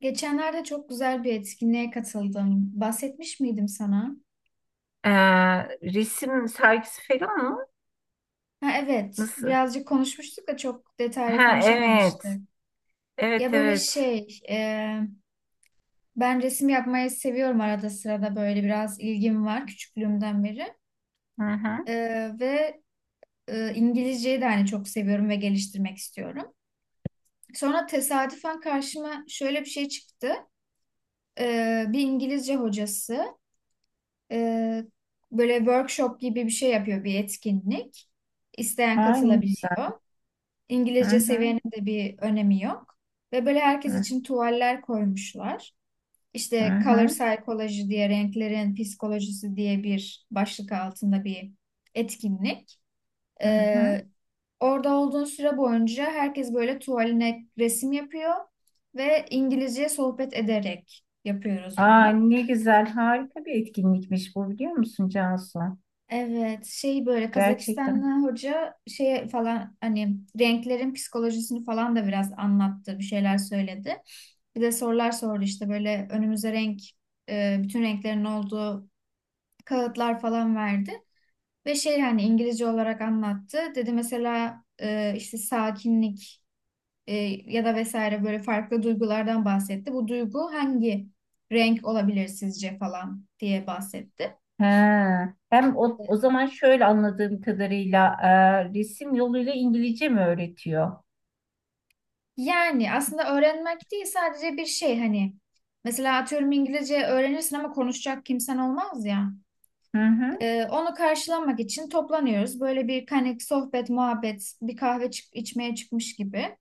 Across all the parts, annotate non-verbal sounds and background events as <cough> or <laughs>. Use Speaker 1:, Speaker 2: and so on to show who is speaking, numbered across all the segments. Speaker 1: Geçenlerde çok güzel bir etkinliğe katıldım. Bahsetmiş miydim sana?
Speaker 2: Ee, Resim sergisi falan mı?
Speaker 1: Ha, evet,
Speaker 2: Nasıl?
Speaker 1: birazcık konuşmuştuk da çok detaylı
Speaker 2: Ha evet.
Speaker 1: konuşamamıştık. Ya
Speaker 2: Evet
Speaker 1: böyle
Speaker 2: evet.
Speaker 1: şey, ben resim yapmayı seviyorum arada sırada böyle biraz ilgim var küçüklüğümden beri.
Speaker 2: Hı hı.
Speaker 1: E, ve İngilizceyi de hani çok seviyorum ve geliştirmek istiyorum. Sonra tesadüfen karşıma şöyle bir şey çıktı. Bir İngilizce hocası. Ee, Böyle workshop gibi bir şey yapıyor, bir etkinlik. İsteyen
Speaker 2: Aa, ne güzel.
Speaker 1: katılabiliyor.
Speaker 2: Hı
Speaker 1: İngilizce
Speaker 2: hı,
Speaker 1: seviyenin de bir önemi yok. Ve böyle herkes
Speaker 2: hı
Speaker 1: için tuvaller koymuşlar. İşte color
Speaker 2: hı,
Speaker 1: psychology diye, renklerin psikolojisi diye bir başlık altında bir etkinlik.
Speaker 2: hı hı.
Speaker 1: Ee, Orada olduğun süre boyunca herkes böyle tuvaline resim yapıyor ve İngilizce sohbet ederek yapıyoruz
Speaker 2: Aa,
Speaker 1: bunu.
Speaker 2: ne güzel. Harika bir etkinlikmiş bu, biliyor musun Cansu?
Speaker 1: Evet, şey böyle
Speaker 2: Gerçekten.
Speaker 1: Kazakistanlı hoca şey falan hani renklerin psikolojisini falan da biraz anlattı, bir şeyler söyledi. Bir de sorular sordu, işte böyle önümüze renk, bütün renklerin olduğu kağıtlar falan verdi. Ve şey hani İngilizce olarak anlattı. Dedi mesela işte sakinlik e, ya da vesaire böyle farklı duygulardan bahsetti. Bu duygu hangi renk olabilir sizce falan diye bahsetti.
Speaker 2: He. Hem o zaman şöyle anladığım kadarıyla resim yoluyla İngilizce mi öğretiyor?
Speaker 1: Yani aslında öğrenmek değil sadece bir şey hani mesela atıyorum İngilizce öğrenirsin ama konuşacak kimsen olmaz ya.
Speaker 2: Hı hı.
Speaker 1: Onu karşılamak için toplanıyoruz. Böyle bir hani sohbet, muhabbet, bir kahve içmeye çıkmış gibi.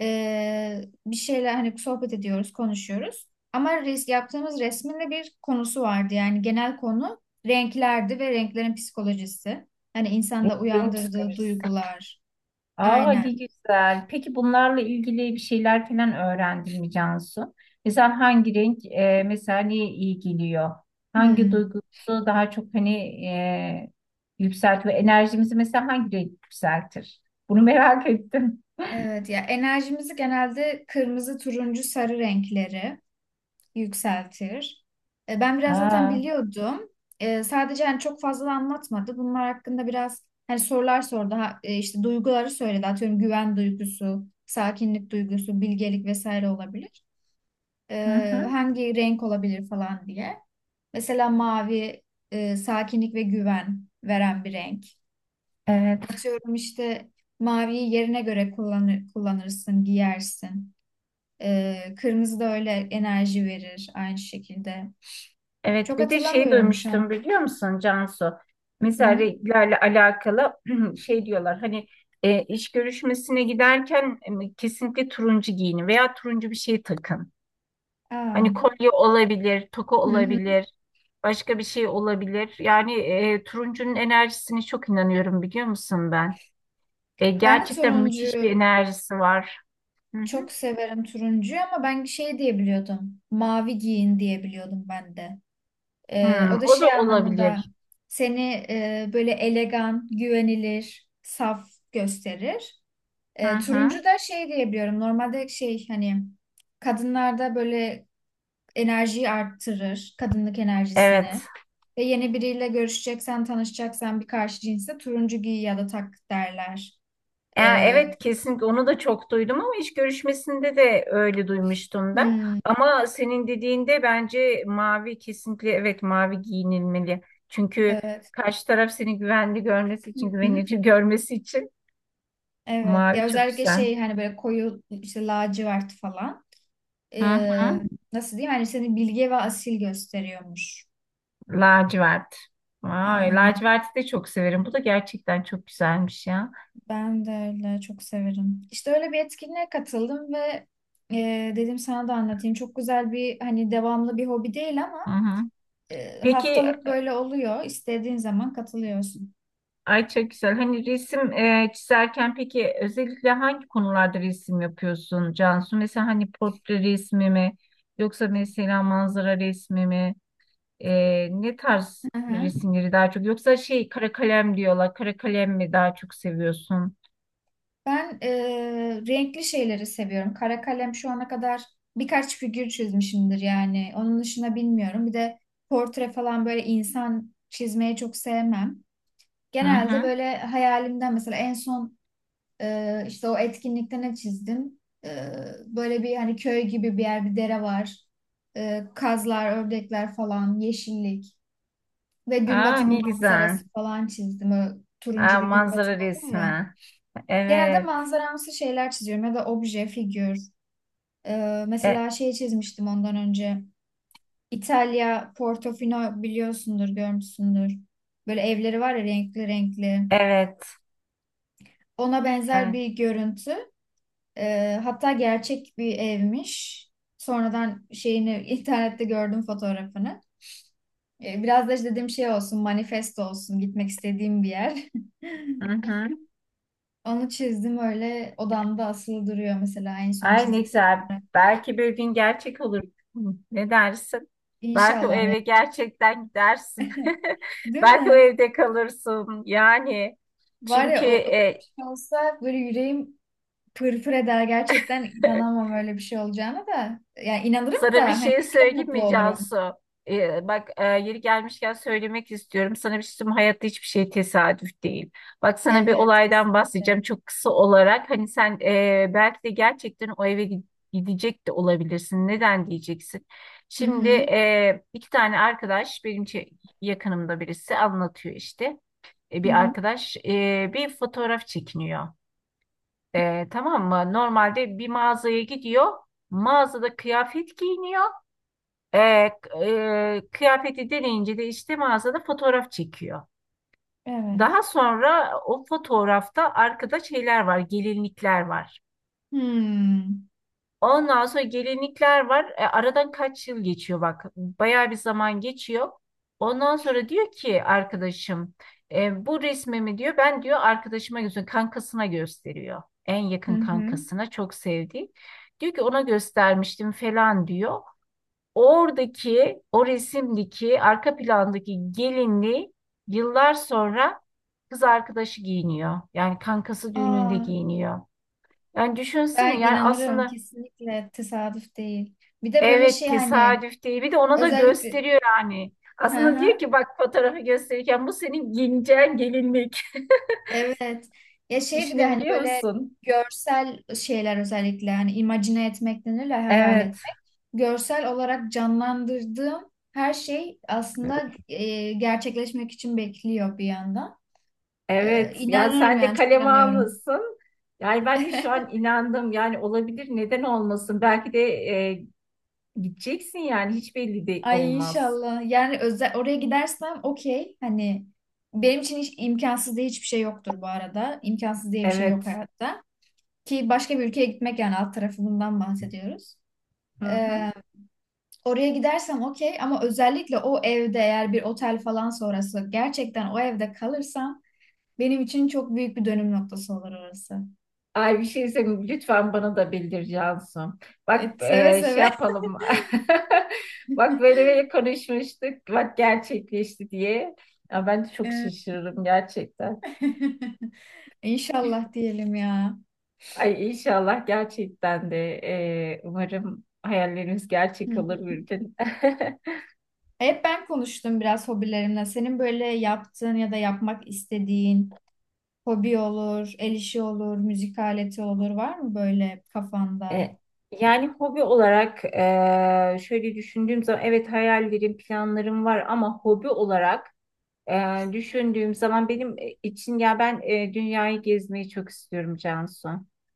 Speaker 1: Bir şeyler hani sohbet ediyoruz, konuşuyoruz. Ama yaptığımız resmin de bir konusu vardı. Yani genel konu renklerdi ve renklerin psikolojisi. Hani insanda
Speaker 2: Renklerin
Speaker 1: uyandırdığı
Speaker 2: psikolojisi.
Speaker 1: duygular.
Speaker 2: Aa,
Speaker 1: Aynen.
Speaker 2: ne güzel. Peki bunlarla ilgili bir şeyler falan öğrendin mi Cansu? Mesela hangi renk mesela neye iyi geliyor? Hangi
Speaker 1: Hmm.
Speaker 2: duygusu daha çok hani e, yükseltiyor? Enerjimizi mesela hangi renk yükseltir? Bunu merak <laughs> ettim.
Speaker 1: Evet ya, enerjimizi genelde kırmızı, turuncu, sarı renkleri yükseltir. Ben biraz zaten
Speaker 2: Aa,
Speaker 1: biliyordum. Sadece hani çok fazla da anlatmadı. Bunlar hakkında biraz hani sorular sordu. Ha, işte duyguları söyledi. Atıyorum güven duygusu, sakinlik duygusu, bilgelik vesaire olabilir.
Speaker 2: hı hı.
Speaker 1: Hangi renk olabilir falan diye. Mesela mavi sakinlik ve güven veren bir renk.
Speaker 2: Evet.
Speaker 1: Atıyorum işte maviyi yerine göre kullanır, kullanırsın, giyersin. Kırmızı da öyle enerji verir aynı şekilde.
Speaker 2: Evet,
Speaker 1: Çok
Speaker 2: bir de şey
Speaker 1: hatırlamıyorum şu
Speaker 2: duymuştum,
Speaker 1: an.
Speaker 2: biliyor musun Cansu?
Speaker 1: Hı
Speaker 2: Mesela
Speaker 1: hı.
Speaker 2: renklerle alakalı <clears throat> şey diyorlar hani iş görüşmesine giderken kesinlikle turuncu giyinin veya turuncu bir şey takın.
Speaker 1: Aa.
Speaker 2: Hani kolye olabilir, toka
Speaker 1: Hı hı.
Speaker 2: olabilir, başka bir şey olabilir. Yani turuncunun enerjisine çok inanıyorum, biliyor musun ben?
Speaker 1: Ben de
Speaker 2: Gerçekten müthiş bir
Speaker 1: turuncuyu
Speaker 2: enerjisi var. Hı hı.
Speaker 1: çok severim turuncuyu, ama ben şey diyebiliyordum. Mavi giyin diyebiliyordum ben de.
Speaker 2: Hmm,
Speaker 1: O da
Speaker 2: o da
Speaker 1: şey anlamında
Speaker 2: olabilir.
Speaker 1: seni böyle elegan, güvenilir, saf gösterir.
Speaker 2: Hı hı.
Speaker 1: Turuncu da şey diyebiliyorum. Normalde şey hani kadınlarda böyle enerjiyi arttırır, kadınlık
Speaker 2: Evet.
Speaker 1: enerjisini. Ve yeni biriyle görüşeceksen, tanışacaksan bir karşı cinse turuncu giy ya da tak derler. Ee,
Speaker 2: Evet, kesinlikle onu da çok duydum ama iş görüşmesinde de öyle duymuştum ben.
Speaker 1: hmm,
Speaker 2: Ama senin dediğinde bence mavi, kesinlikle evet, mavi giyinilmeli. Çünkü
Speaker 1: evet.
Speaker 2: karşı taraf seni güvenli görmesi
Speaker 1: Hı
Speaker 2: için,
Speaker 1: hı,
Speaker 2: güvenilir görmesi için.
Speaker 1: evet. Ya
Speaker 2: Mavi çok
Speaker 1: özellikle
Speaker 2: güzel.
Speaker 1: şey hani böyle koyu işte lacivert falan.
Speaker 2: Hı
Speaker 1: Ee,
Speaker 2: hı.
Speaker 1: Nasıl diyeyim? Hani seni bilge ve asil gösteriyormuş.
Speaker 2: Lacivert. Vay,
Speaker 1: Aynen.
Speaker 2: laciverti de çok severim. Bu da gerçekten çok güzelmiş ya.
Speaker 1: Ben de öyle çok severim. İşte öyle bir etkinliğe katıldım ve dedim sana da anlatayım. Çok güzel bir hani devamlı bir hobi değil ama
Speaker 2: Hı hı. Peki,
Speaker 1: haftalık böyle oluyor. İstediğin zaman katılıyorsun.
Speaker 2: ay çok güzel. Hani resim çizerken peki özellikle hangi konularda resim yapıyorsun Cansu? Mesela hani portre resmi mi yoksa mesela manzara resmi mi? Ne tarz
Speaker 1: Hı hı.
Speaker 2: resimleri daha çok, yoksa şey, kara kalem diyorlar. Kara kalem mi daha çok seviyorsun?
Speaker 1: Ben renkli şeyleri seviyorum. Kara kalem şu ana kadar birkaç figür çizmişimdir yani. Onun dışında bilmiyorum. Bir de portre falan böyle insan çizmeyi çok sevmem.
Speaker 2: Hı
Speaker 1: Genelde
Speaker 2: hı.
Speaker 1: böyle hayalimden mesela en son işte o etkinlikte ne çizdim? E, Böyle bir hani köy gibi bir yer, bir dere var. Kazlar, ördekler falan, yeşillik. Ve gün
Speaker 2: Aa,
Speaker 1: batımı
Speaker 2: ne güzel.
Speaker 1: manzarası falan çizdim. Öyle turuncu
Speaker 2: Aa,
Speaker 1: bir gün
Speaker 2: manzara
Speaker 1: batımı oluyor ya.
Speaker 2: resmi.
Speaker 1: Genelde
Speaker 2: Evet.
Speaker 1: manzaramsı şeyler çiziyorum ya da obje, figür.
Speaker 2: E,
Speaker 1: Mesela şey çizmiştim ondan önce. İtalya, Portofino biliyorsundur, görmüşsündür. Böyle evleri var ya renkli renkli.
Speaker 2: evet.
Speaker 1: Ona benzer
Speaker 2: Evet.
Speaker 1: bir görüntü. Hatta gerçek bir evmiş. Sonradan şeyini <laughs> internette gördüm fotoğrafını. Biraz da işte dediğim şey olsun, manifesto olsun, gitmek istediğim bir yer. <laughs>
Speaker 2: Hı hı.
Speaker 1: Onu çizdim, öyle odamda asılı duruyor mesela en son
Speaker 2: Ay, ne
Speaker 1: çizik.
Speaker 2: güzel. Belki bir gün gerçek olur. Hı. Ne dersin? Belki o
Speaker 1: İnşallah ya.
Speaker 2: eve gerçekten gidersin. <laughs>
Speaker 1: Değil
Speaker 2: Belki o
Speaker 1: mi?
Speaker 2: evde kalırsın. Yani
Speaker 1: Var
Speaker 2: çünkü
Speaker 1: ya, o öyle bir şey olsa böyle yüreğim pırpır eder gerçekten,
Speaker 2: <laughs>
Speaker 1: inanamam öyle bir şey olacağına da. Yani inanırım
Speaker 2: sana
Speaker 1: da
Speaker 2: bir
Speaker 1: hani,
Speaker 2: şey
Speaker 1: çok
Speaker 2: söyleyeyim
Speaker 1: mutlu
Speaker 2: mi
Speaker 1: olurum.
Speaker 2: Cansu? Bak, yeri gelmişken söylemek istiyorum. Sana bir şey söyleyeyim mi? Hayatta hiçbir şey tesadüf değil. Bak, sana bir
Speaker 1: Evet,
Speaker 2: olaydan
Speaker 1: kesinlikle.
Speaker 2: bahsedeceğim çok kısa olarak. Hani sen, belki de gerçekten o eve gidecek de olabilirsin. Neden diyeceksin?
Speaker 1: Hı
Speaker 2: Şimdi
Speaker 1: hı.
Speaker 2: iki tane arkadaş benim yakınımda birisi anlatıyor işte.
Speaker 1: Hı
Speaker 2: Bir
Speaker 1: hı.
Speaker 2: arkadaş, bir fotoğraf çekiniyor. Tamam mı? Normalde bir mağazaya gidiyor. Mağazada kıyafet giyiniyor. E, k- Kıyafeti deneyince de işte mağazada fotoğraf çekiyor.
Speaker 1: Evet.
Speaker 2: Daha sonra o fotoğrafta arkada şeyler var, gelinlikler var.
Speaker 1: Hmm.
Speaker 2: Ondan sonra gelinlikler var. Aradan kaç yıl geçiyor bak. Bayağı bir zaman geçiyor. Ondan sonra diyor ki arkadaşım, bu resmimi diyor ben, diyor, arkadaşıma gösteriyorum. Kankasına gösteriyor. En
Speaker 1: Hı
Speaker 2: yakın
Speaker 1: hı.
Speaker 2: kankasına, çok sevdiği. Diyor ki ona göstermiştim falan, diyor. Oradaki o resimdeki arka plandaki gelinliği yıllar sonra kız arkadaşı giyiniyor. Yani kankası düğününde
Speaker 1: Aa,
Speaker 2: giyiniyor. Yani düşünsene,
Speaker 1: ben
Speaker 2: yani
Speaker 1: inanırım,
Speaker 2: aslında
Speaker 1: kesinlikle tesadüf değil. Bir de böyle
Speaker 2: evet,
Speaker 1: şey hani
Speaker 2: tesadüf değil, bir de ona da
Speaker 1: özellikle.
Speaker 2: gösteriyor yani.
Speaker 1: Hı
Speaker 2: Aslında diyor
Speaker 1: hı.
Speaker 2: ki bak, fotoğrafı gösterirken, bu senin giyineceğin gelinlik.
Speaker 1: Evet. Ya
Speaker 2: <laughs>
Speaker 1: şey bir de hani
Speaker 2: Düşünebiliyor
Speaker 1: böyle
Speaker 2: musun?
Speaker 1: görsel şeyler, özellikle hani imagine etmek denir ya, hayal
Speaker 2: Evet.
Speaker 1: etmek. Görsel olarak canlandırdığım her şey aslında gerçekleşmek için bekliyor bir yandan.
Speaker 2: Evet. Yani
Speaker 1: İnanıyorum
Speaker 2: sen de
Speaker 1: yani, çok
Speaker 2: kaleme
Speaker 1: inanıyorum.
Speaker 2: almışsın. Yani ben de şu an
Speaker 1: <laughs>
Speaker 2: inandım. Yani olabilir. Neden olmasın? Belki de gideceksin, yani hiç belli de
Speaker 1: Ay
Speaker 2: olmaz.
Speaker 1: inşallah. Yani özel oraya gidersem okey. Hani benim için hiç imkansız diye hiçbir şey yoktur bu arada. İmkansız diye bir şey yok
Speaker 2: Evet.
Speaker 1: hayatta. Ki başka bir ülkeye gitmek yani, alt tarafı bundan bahsediyoruz.
Speaker 2: Hı hı.
Speaker 1: Oraya gidersem okey, ama özellikle o evde, eğer bir otel falan sonrası gerçekten o evde kalırsam, benim için çok büyük bir dönüm noktası olur orası.
Speaker 2: Ay, bir şey senin, lütfen bana da bildir Cansu. Bak,
Speaker 1: Evet, seve
Speaker 2: şey
Speaker 1: seve. <laughs>
Speaker 2: yapalım. <laughs> Bak, böyle böyle konuşmuştuk. Bak, gerçekleşti diye. Ya ben de çok
Speaker 1: Ee,
Speaker 2: şaşırırım gerçekten.
Speaker 1: <laughs> İnşallah diyelim ya.
Speaker 2: Ay inşallah, gerçekten de umarım hayallerimiz
Speaker 1: Hı
Speaker 2: gerçek olur
Speaker 1: hı.
Speaker 2: bir gün. <laughs>
Speaker 1: Hep ben konuştum biraz hobilerimle. Senin böyle yaptığın ya da yapmak istediğin hobi olur, el işi olur, müzik aleti olur, var mı böyle kafanda?
Speaker 2: E, Yani hobi olarak, şöyle düşündüğüm zaman evet, hayallerim, planlarım var ama hobi olarak... Düşündüğüm zaman benim için, ya ben dünyayı gezmeyi çok istiyorum Cansu.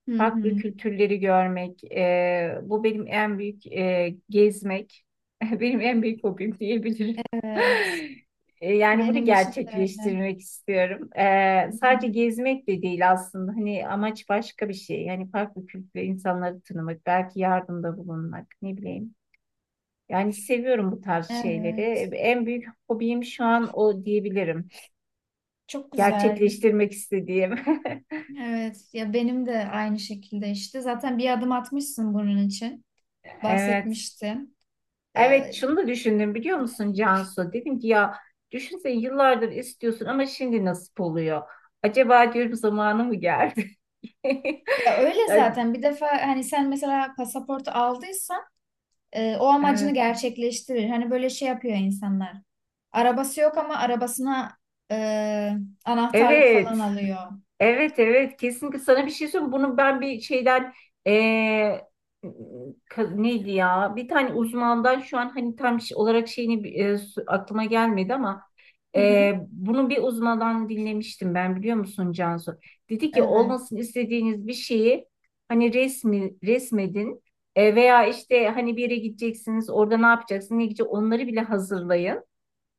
Speaker 1: Hı
Speaker 2: Farklı
Speaker 1: hı.
Speaker 2: kültürleri görmek, bu benim en büyük, gezmek, <laughs> benim en büyük hobim diyebilirim.
Speaker 1: Evet.
Speaker 2: <laughs> Yani bunu
Speaker 1: Benim için de öyle.
Speaker 2: gerçekleştirmek istiyorum.
Speaker 1: Hı
Speaker 2: Sadece
Speaker 1: hı.
Speaker 2: gezmek de değil aslında. Hani amaç başka bir şey. Yani farklı kültürlü insanları tanımak, belki yardımda bulunmak, ne bileyim. Yani seviyorum bu tarz şeyleri.
Speaker 1: Evet.
Speaker 2: En büyük hobim şu an o diyebilirim,
Speaker 1: Çok güzel.
Speaker 2: gerçekleştirmek istediğim. <laughs>
Speaker 1: Evet ya, benim de aynı şekilde, işte zaten bir adım atmışsın bunun için
Speaker 2: Evet.
Speaker 1: bahsetmiştin.
Speaker 2: Evet,
Speaker 1: Ee,
Speaker 2: şunu da düşündüm, biliyor musun Cansu? Dedim ki ya, düşünsene, yıllardır istiyorsun ama şimdi nasip oluyor. Acaba diyorum, zamanı mı geldi? <laughs>
Speaker 1: Ya öyle
Speaker 2: Yani...
Speaker 1: zaten, bir defa hani sen mesela pasaportu aldıysan o
Speaker 2: Evet.
Speaker 1: amacını gerçekleştirir. Hani böyle şey yapıyor insanlar. Arabası yok ama arabasına e, anahtarlık falan
Speaker 2: Evet.
Speaker 1: alıyor.
Speaker 2: Evet evet, kesinlikle sana bir şey söyleyeyim. Bunu ben bir şeyden, eee, neydi ya, bir tane uzmandan, şu an hani tam şey olarak şeyini aklıma gelmedi ama
Speaker 1: Hı hı.
Speaker 2: bunu bir uzmandan dinlemiştim ben, biliyor musun Cansu? Dedi ki
Speaker 1: Evet.
Speaker 2: olmasını istediğiniz bir şeyi hani resmi resmedin. Veya işte hani bir yere gideceksiniz, orada ne yapacaksınız, ne gidecek, onları bile hazırlayın.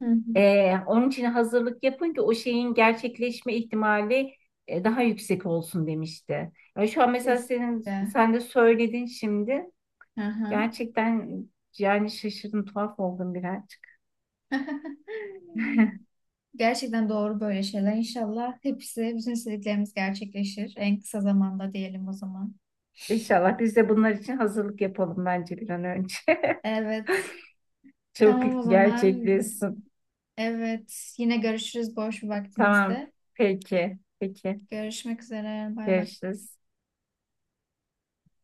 Speaker 1: Hı hı.
Speaker 2: Onun için hazırlık yapın ki o şeyin gerçekleşme ihtimali daha yüksek olsun, demişti. Yani şu an mesela senin,
Speaker 1: Kesinlikle.
Speaker 2: sen de söyledin şimdi.
Speaker 1: Hı hı.
Speaker 2: Gerçekten yani şaşırdım, tuhaf oldum birazcık.
Speaker 1: <laughs>
Speaker 2: <laughs>
Speaker 1: Gerçekten doğru böyle şeyler. İnşallah hepsi, bütün istediklerimiz gerçekleşir. En kısa zamanda diyelim o zaman.
Speaker 2: İnşallah biz de bunlar için hazırlık yapalım bence bir an önce. <laughs>
Speaker 1: Evet.
Speaker 2: Çok
Speaker 1: Tamam o zaman.
Speaker 2: gerçekleşsin.
Speaker 1: Evet. Yine görüşürüz boş bir
Speaker 2: Tamam.
Speaker 1: vaktimizde.
Speaker 2: Peki. Peki.
Speaker 1: Görüşmek üzere. Bay bay.
Speaker 2: Görüşürüz.